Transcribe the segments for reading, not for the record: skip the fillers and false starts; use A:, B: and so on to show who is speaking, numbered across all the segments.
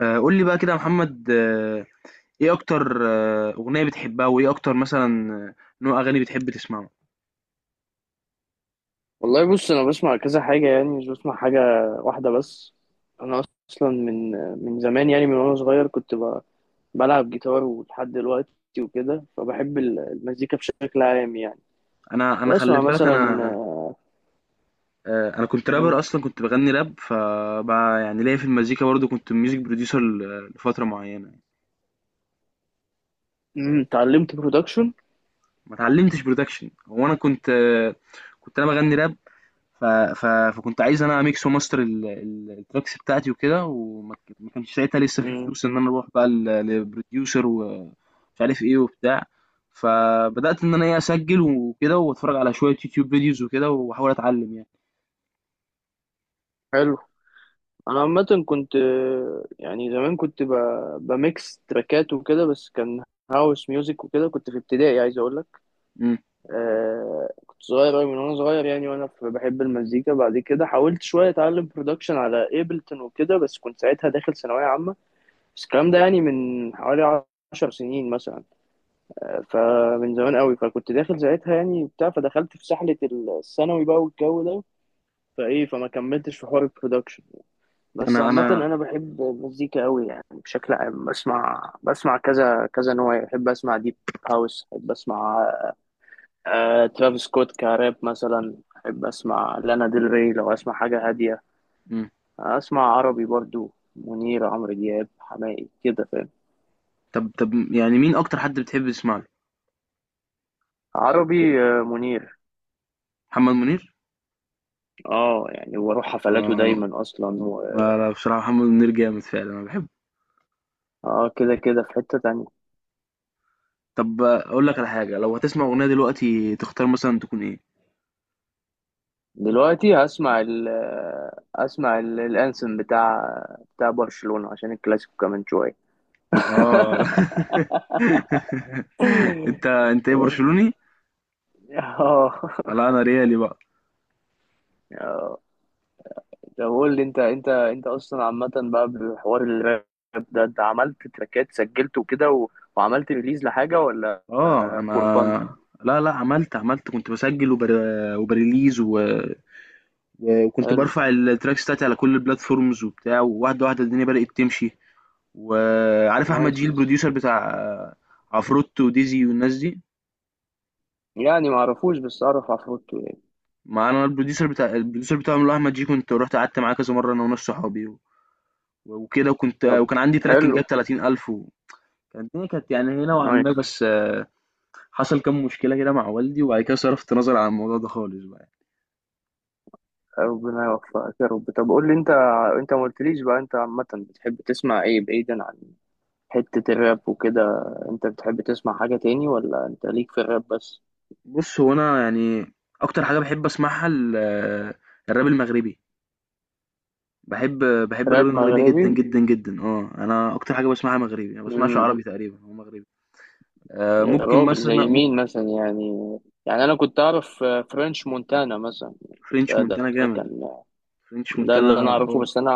A: قول لي بقى كده يا محمد، ايه اكتر، اغنيه بتحبها، وايه اكتر مثلا، نوع اغاني بتحب تسمعه.
B: والله بص انا بسمع كذا حاجه، يعني مش بسمع حاجه واحده بس. انا اصلا من زمان، يعني من وانا صغير كنت بلعب جيتار ولحد دلوقتي وكده، فبحب المزيكا بشكل عام، يعني
A: انا خلي
B: بسمع
A: بالك،
B: مثلا.
A: انا كنت
B: م-
A: رابر، اصلا كنت بغني راب، فبقى يعني ليا في المزيكا برضو، كنت ميوزك بروديوسر لفتره معينه.
B: اتعلمت برودكشن؟
A: ما اتعلمتش برودكشن. هو انا كنت، كنت انا بغني راب. ف... فكنت عايز انا اميكس وماستر التراكس بتاعتي وكده، وما ك- ما كانش ساعتها لسه في فلوس ان انا اروح بقى لبروديوسر ومش عارف ايه وبتاع. فبدات ان انا ايه اسجل وكده واتفرج على شويه يوتيوب فيديوز وكده واحاول اتعلم يعني.
B: حلو. انا عامه كنت، يعني زمان، كنت بميكس تراكات وكده، بس كان هاوس ميوزك وكده. كنت في ابتدائي، عايز اقول لك.
A: امم
B: كنت صغير أوي، من وأنا صغير يعني، وأنا بحب المزيكا. بعد كده حاولت شوية أتعلم برودكشن على إيبلتون وكده، بس كنت ساعتها داخل ثانوية عامة، بس الكلام ده يعني من حوالي 10 سنين مثلا. فمن زمان أوي، فكنت داخل ساعتها يعني بتاع، فدخلت في سحلة الثانوي بقى والجو ده، فإيه فما كملتش في حوار البرودكشن. بس
A: انا
B: عامة
A: انا
B: أنا بحب المزيكا أوي، يعني بشكل عام بسمع كذا كذا نوع يعني. بحب أسمع ديب هاوس، بحب أسمع ترافيس سكوت كراب مثلا، أحب أسمع لانا ديل ري لو أسمع حاجة هادية،
A: امم
B: أسمع عربي برضو، منير، عمرو دياب، حماقي، كده فاهم.
A: طب طب، يعني مين اكتر حد بتحب تسمع له؟
B: عربي منير.
A: محمد منير.
B: اه يعني واروح حفلاته
A: اه.
B: دايما اصلا
A: لا لا، بصراحه محمد منير جامد فعلا، انا بحبه.
B: اه كده كده في حتة تانية.
A: طب اقول لك على حاجه، لو هتسمع اغنيه دلوقتي تختار مثلا تكون ايه؟
B: دلوقتي هسمع ال آه، اسمع الانسم بتاع برشلونة، عشان الكلاسيكو كمان شوية.
A: اه انت ايه، برشلوني؟
B: اه.
A: لا انا ريالي بقى.
B: طب قول لي، انت انت اصلا عامه بقى بحوار الراب ده، انت عملت تراكات سجلت وكده وعملت ريليز لحاجه ولا؟
A: اه انا.
B: فور فن.
A: لا لا، عملت، كنت بسجل وبريليز، وكنت
B: حلو.
A: برفع التراكس بتاعتي على كل البلاتفورمز وبتاع، وواحده واحده الدنيا بدأت تمشي. وعارف احمد
B: نايس.
A: جيل، البروديوسر بتاع عفروتو وديزي والناس دي.
B: يعني ما اعرفوش بس اعرف عفروتو يعني.
A: ما انا البروديوسر بتاعهم اللي هو احمد جيل، كنت رحت قعدت معاه كذا مره انا وناس صحابي وكده.
B: طب
A: وكان عندي تراك كان جاب
B: حلو.
A: 30000. الدنيا كانت يعني هنا نوعا ما،
B: نايس.
A: بس، حصل كام مشكلة كده مع والدي، وبعد كده صرفت نظر عن الموضوع ده خالص بقى.
B: ربنا يوفقك يا رب. طب قول لي انت ما قلتليش بقى، انت عامه بتحب تسمع ايه بعيدا عن حته الراب وكده؟ انت بتحب تسمع حاجه تاني ولا انت ليك في الراب بس؟
A: بص هو أنا يعني أكتر حاجة بحب أسمعها الراب المغربي. بحب بحب الراب
B: راب
A: المغربي
B: مغربي.
A: جدا جدا جدا. اه، انا اكتر حاجه بسمعها مغربي، انا بسمعش
B: مم.
A: عربي تقريبا، هو مغربي. آه،
B: يا
A: ممكن
B: راجل،
A: مثلا
B: زي
A: ممكن.
B: مين مثلا يعني؟ يعني انا كنت اعرف فرنش مونتانا مثلا.
A: فرنش
B: ده, ده
A: مونتانا
B: ده
A: جامد.
B: كان،
A: فرنش
B: ده
A: مونتانا.
B: اللي انا اعرفه، بس انا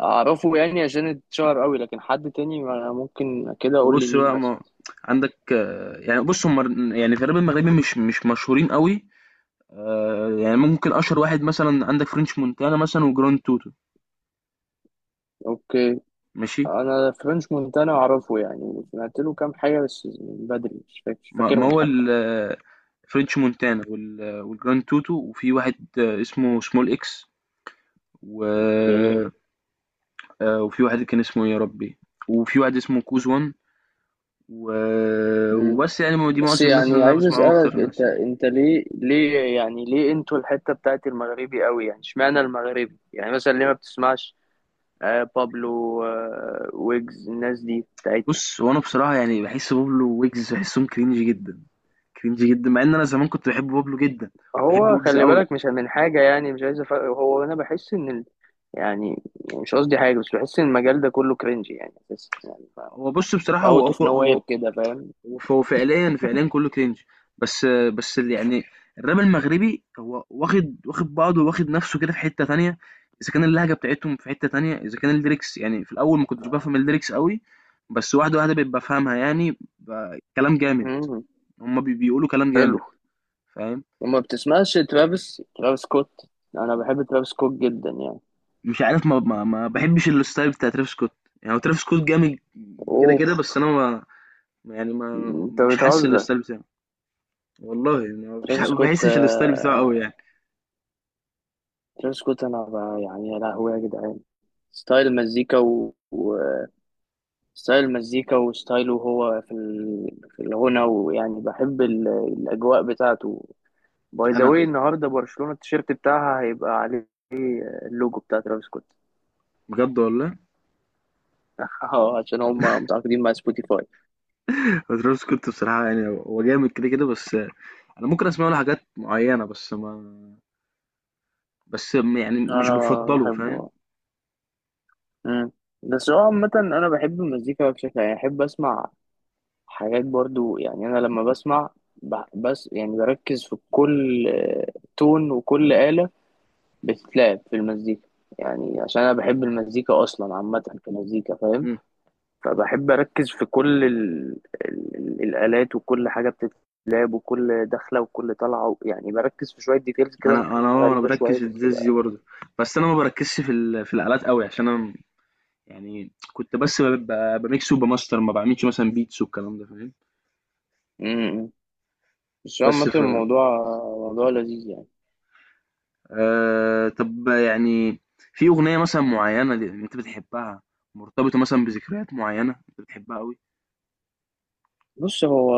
B: اعرفه يعني عشان اتشهر قوي، لكن حد تاني ممكن كده اقول لي
A: بص
B: مين
A: بقى،
B: مثلا.
A: ما عندك، يعني بص، هم يعني في الراب المغربي مش مشهورين قوي. يعني ممكن أشهر واحد مثلا عندك فرنش مونتانا مثلا، وجراند توتو.
B: اوكي.
A: ماشي.
B: انا فرنش مونتانا اعرفه، يعني سمعت له كام حاجه بس من بدري، مش
A: ما
B: فاكرهم
A: هو
B: حتى.
A: فرنش مونتانا والجراند توتو، وفي واحد، اسمه سمول اكس و...
B: اوكي.
A: وفي واحد كان اسمه إيه يا ربي، وفي واحد اسمه كوز وان و...
B: مم.
A: وبس يعني، دي
B: بس
A: معظم الناس اللي
B: يعني
A: انا
B: عايز
A: بسمعهم اكتر
B: اسالك انت
A: الناس يعني.
B: انت ليه يعني، ليه انتوا الحته بتاعت المغربي قوي يعني؟ اشمعنى المغربي يعني مثلا؟ ليه ما بتسمعش بابلو، ويجز، الناس دي بتاعتنا؟
A: بص، وانا بصراحه يعني بحس بابلو ويجز بحسهم كرينج جدا، كرينج جدا، مع ان انا زمان كنت بحب بابلو جدا. بحب
B: هو
A: ويجز
B: خلي
A: قوي.
B: بالك مش من حاجة يعني، مش عايز هو أنا بحس إن يعني مش قصدي حاجة، بس بحس إن المجال ده كله كرنج يعني، بس يعني
A: هو بص بصراحه هو
B: أوت أوف نو وير
A: هو،
B: كده، فاهم؟
A: وهو فعليا فعليا كله كرنج. بس بس اللي يعني، الراب المغربي هو واخد بعضه، واخد نفسه كده في حتة تانية. اذا كان اللهجة بتاعتهم في حتة تانية، اذا كان الليركس، يعني في الاول ما كنتش بفهم الليركس قوي، بس واحدة واحدة بقيت بفهمها يعني، كلام جامد.
B: مم.
A: هما بيقولوا كلام
B: حلو.
A: جامد. فاهم؟
B: وما بتسمعش ترافيس سكوت؟ أنا بحب ترافيس سكوت جدا يعني.
A: مش عارف، ما بحبش الستايل بتاع ترافيس سكوت. يعني هو ترافيس سكوت جامد كده كده، بس
B: أوف.
A: انا ما، يعني ما
B: أنت
A: مش حاسس
B: بتهزر.
A: الستايل بتاعه. والله يعني، ما مش
B: ترافيس
A: ما
B: سكوت
A: بحسش الستايل بتاعه قوي يعني.
B: ترافيس سكوت، أنا يعني يا لهوي يا جدعان، ستايل مزيكا ستايل المزيكا وستايله، هو في الغنى، ويعني بحب الأجواء بتاعته. باي ذا
A: انا
B: واي، النهاردة برشلونة التيشيرت بتاعها هيبقى عليه اللوجو بتاع ترافيس سكوت.
A: بجد والله،
B: اه، عشان هم متعاقدين مع سبوتيفاي.
A: ترافيس سكوت بصراحة يعني هو جامد كده كده، بس أنا ممكن أسمع له حاجات معينة، بس ما بس م- يعني مش
B: أنا
A: بفضله. فاهم؟
B: بحبه. مم. بس هو عامة أنا بحب المزيكا بشكل يعني، أحب أسمع حاجات برضو يعني. أنا لما بسمع بس يعني بركز في كل تون وكل آلة بتتلعب في المزيكا، يعني عشان انا بحب المزيكا اصلا عامه كمزيكا، فاهم؟
A: مم.
B: فبحب اركز في كل ال... الالات، وكل حاجه بتتلعب، وكل دخله وكل طلعه يعني بركز في شويه ديتيلز كده، ممكن
A: أنا
B: غريبه شويه
A: بركز في
B: بس
A: الجاز
B: بقى
A: دي
B: يعني.
A: برضه، بس أنا ما بركزش في الآلات قوي، عشان أنا يعني كنت بس بميكس وبماستر، ما بعملش مثلا بيتس والكلام ده. فاهم؟
B: امم بس هو
A: بس،
B: عامه، الموضوع موضوع لذيذ يعني.
A: طب يعني، في أغنية مثلا معينة، أنت بتحبها، مرتبطة مثلا بذكريات معينة أنت بتحبها قوي.
B: بص هو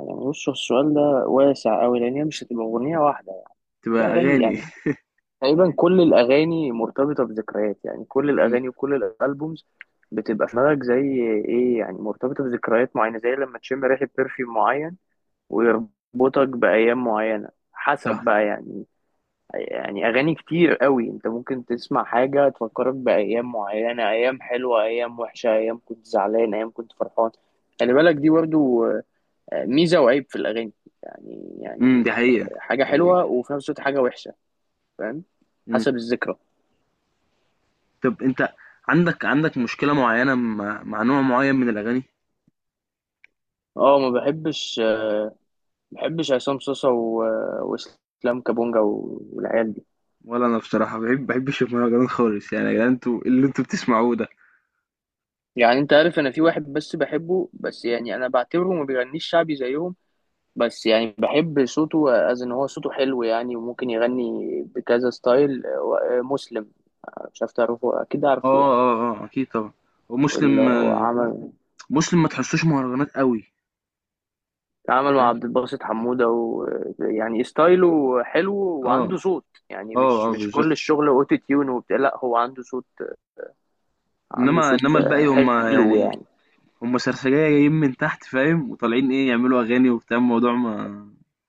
B: بص هو السؤال ده واسع قوي، لان هي مش هتبقى اغنيه واحده،
A: تبقى
B: في اغاني
A: أغاني
B: يعني. تقريبا كل الأغاني مرتبطة بذكريات يعني، كل
A: مم.
B: الأغاني وكل الألبومز بتبقى في دماغك زي إيه يعني، مرتبطة بذكريات معينة، زي لما تشم ريحة برفيوم معين ويربطك بأيام معينة، حسب
A: صح.
B: بقى يعني. يعني أغاني كتير قوي أنت ممكن تسمع حاجة تفكرك بأيام معينة، أيام حلوة، أيام وحشة، أيام كنت زعلان، أيام كنت فرحان. خلي بالك دي برضو ميزة وعيب في الأغاني يعني
A: دي
B: يعني
A: حقيقة.
B: حاجة حلوة وفي نفس الوقت حاجة وحشة، فاهم؟
A: إمم.
B: حسب الذكرى.
A: طب أنت، عندك مشكلة معيّنة، مع نوع معيّن من الأغاني؟
B: اه، ما بحبش عصام صاصا واسلام كابونجا والعيال دي.
A: ولا أنا بصراحة، ما باحبش المهرجانات خالص، يعني يا جدعان، أنتم إيه اللي أنتم بتسمعوه ده؟
B: يعني انت عارف، انا في واحد بس بحبه، بس يعني انا بعتبره ما بيغنيش شعبي زيهم، بس يعني بحب صوته، از ان هو صوته حلو يعني، وممكن يغني بكذا ستايل مسلم. مش عارف تعرفه، اكيد عارفه
A: آه،
B: يعني.
A: آه، آه، أكيد طبعًا. هو
B: اللي
A: مسلم.
B: هو عمل
A: مسلم ما تحسّوش مهرجانات أوي،
B: عمل مع
A: فاهم؟
B: عبد الباسط حمودة، ويعني ستايله حلو
A: آه،
B: وعنده صوت، يعني
A: آه،
B: مش
A: آه،
B: مش
A: بالضبط.
B: كل الشغل اوتو تيون وبتاع. لا، هو عنده صوت
A: إنّما الباقي، هم
B: حلو
A: يعني
B: يعني.
A: هم سرسجية جايين من تحت، فاهم، وطالعين إيه، يعملوا أغاني وبتاع، الموضوع ما.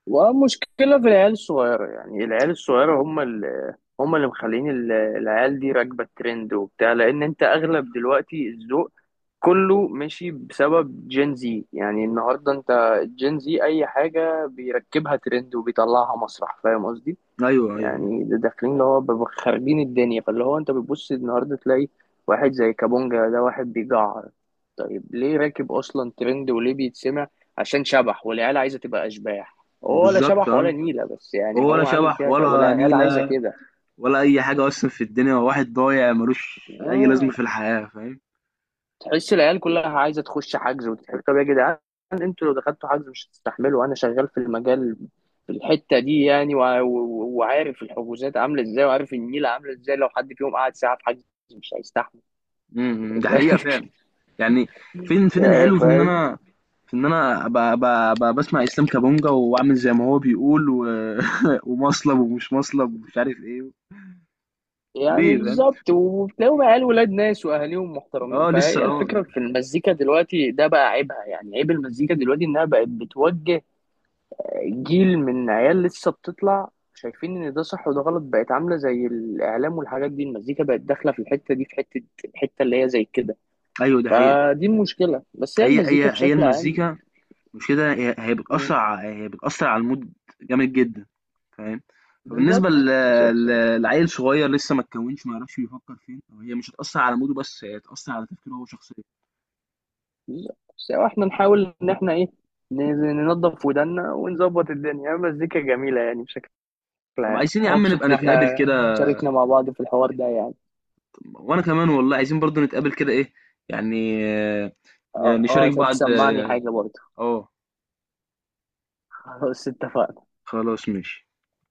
B: ومشكلة في العيال الصغيرة، يعني العيال الصغيرة هم اللي مخلين العيال دي راكبة الترند وبتاع. لأن أنت أغلب دلوقتي الذوق كله ماشي بسبب جين زي، يعني النهاردة أنت جين زي أي حاجة بيركبها ترند وبيطلعها مسرح، فاهم قصدي؟
A: أيوه، أيوه.
B: يعني ده داخلين اللي هو بيبقوا خاربين الدنيا. فاللي هو انت بتبص النهارده تلاقي واحد زي كابونجا ده، واحد بيجعر. طيب ليه راكب اصلا ترند وليه بيتسمع؟ عشان شبح، والعيال عايزه تبقى اشباح.
A: ما
B: هو ولا
A: بالضبط،
B: شبح ولا
A: آه.
B: نيله، بس يعني
A: هو ولا
B: هو عامل
A: شبح
B: فيها شبح،
A: ولا
B: والعيال عايزه
A: نيلة،
B: كده.
A: ولا أي حاجة أصلًا في الدنيا، هو واحد ضايع مالوش أي لازمة
B: آه.
A: في الحياة، فاهم؟
B: تحس العيال كلها عايزه تخش حجز وتتحرك. طب يا جدعان، انتوا لو دخلتوا حجز مش هتستحملوا. انا شغال في المجال، في الحته دي يعني، وعارف الحجوزات عامله ازاي، وعارف النيله عامله ازاي. لو حد فيهم قعد ساعه في حجز مش هيستحمل.
A: إمم، إمم، دي حقيقة فعلًا. يعني، فين
B: يعني
A: الحلو، في إن
B: فاهم
A: أنا، في إن أنا أبقى باسمع إسلام كابونجا، وأعمل زي ما هو بيقول، و ومصلب ومش مصلب، ومش عارف إيه.
B: يعني.
A: ليه فاهم؟
B: بالظبط. وبتلاقيهم عيال ولاد ناس واهاليهم محترمين.
A: لسه
B: فهي
A: آه،
B: الفكره في المزيكا دلوقتي ده بقى عيبها، يعني عيب المزيكا دلوقتي انها بقت بتوجه جيل من عيال لسه بتطلع شايفين ان ده صح وده غلط. بقت عامله زي الاعلام والحاجات دي، المزيكا بقت داخله في الحته دي، في حته الحته اللي هي زي كده.
A: أيوه دي حقيقة.
B: فدي المشكله، بس هي المزيكا
A: هي
B: بشكل عام.
A: المزيكا، مش كده؟ هي بتأثر على المود جامد جدا، فاهم؟ فبالنسبة
B: بالظبط بالظبط.
A: لعيل صغير لسه ما اتكونش، ما يعرفش بيفكر فين، هي مش هتأثر على موده، بس هي هتأثر على تفكيره هو شخصيا.
B: لا، بس احنا نحاول ان احنا ايه، ننظف ودنا ونظبط الدنيا. مزيكا جميلة يعني بشكل
A: طب
B: عام.
A: عايزين يا عم
B: مبسوط
A: نبقى
B: ان
A: نتقابل
B: احنا
A: كده؟
B: شاركنا مع بعض في الحوار ده يعني.
A: وانا كمان والله، عايزين برضو نتقابل كده، ايه يعني،
B: اه
A: نشارك
B: عشان
A: بعض
B: تسمعني حاجة برضه.
A: آه،
B: خلاص اتفقنا.
A: خلاص ماشي.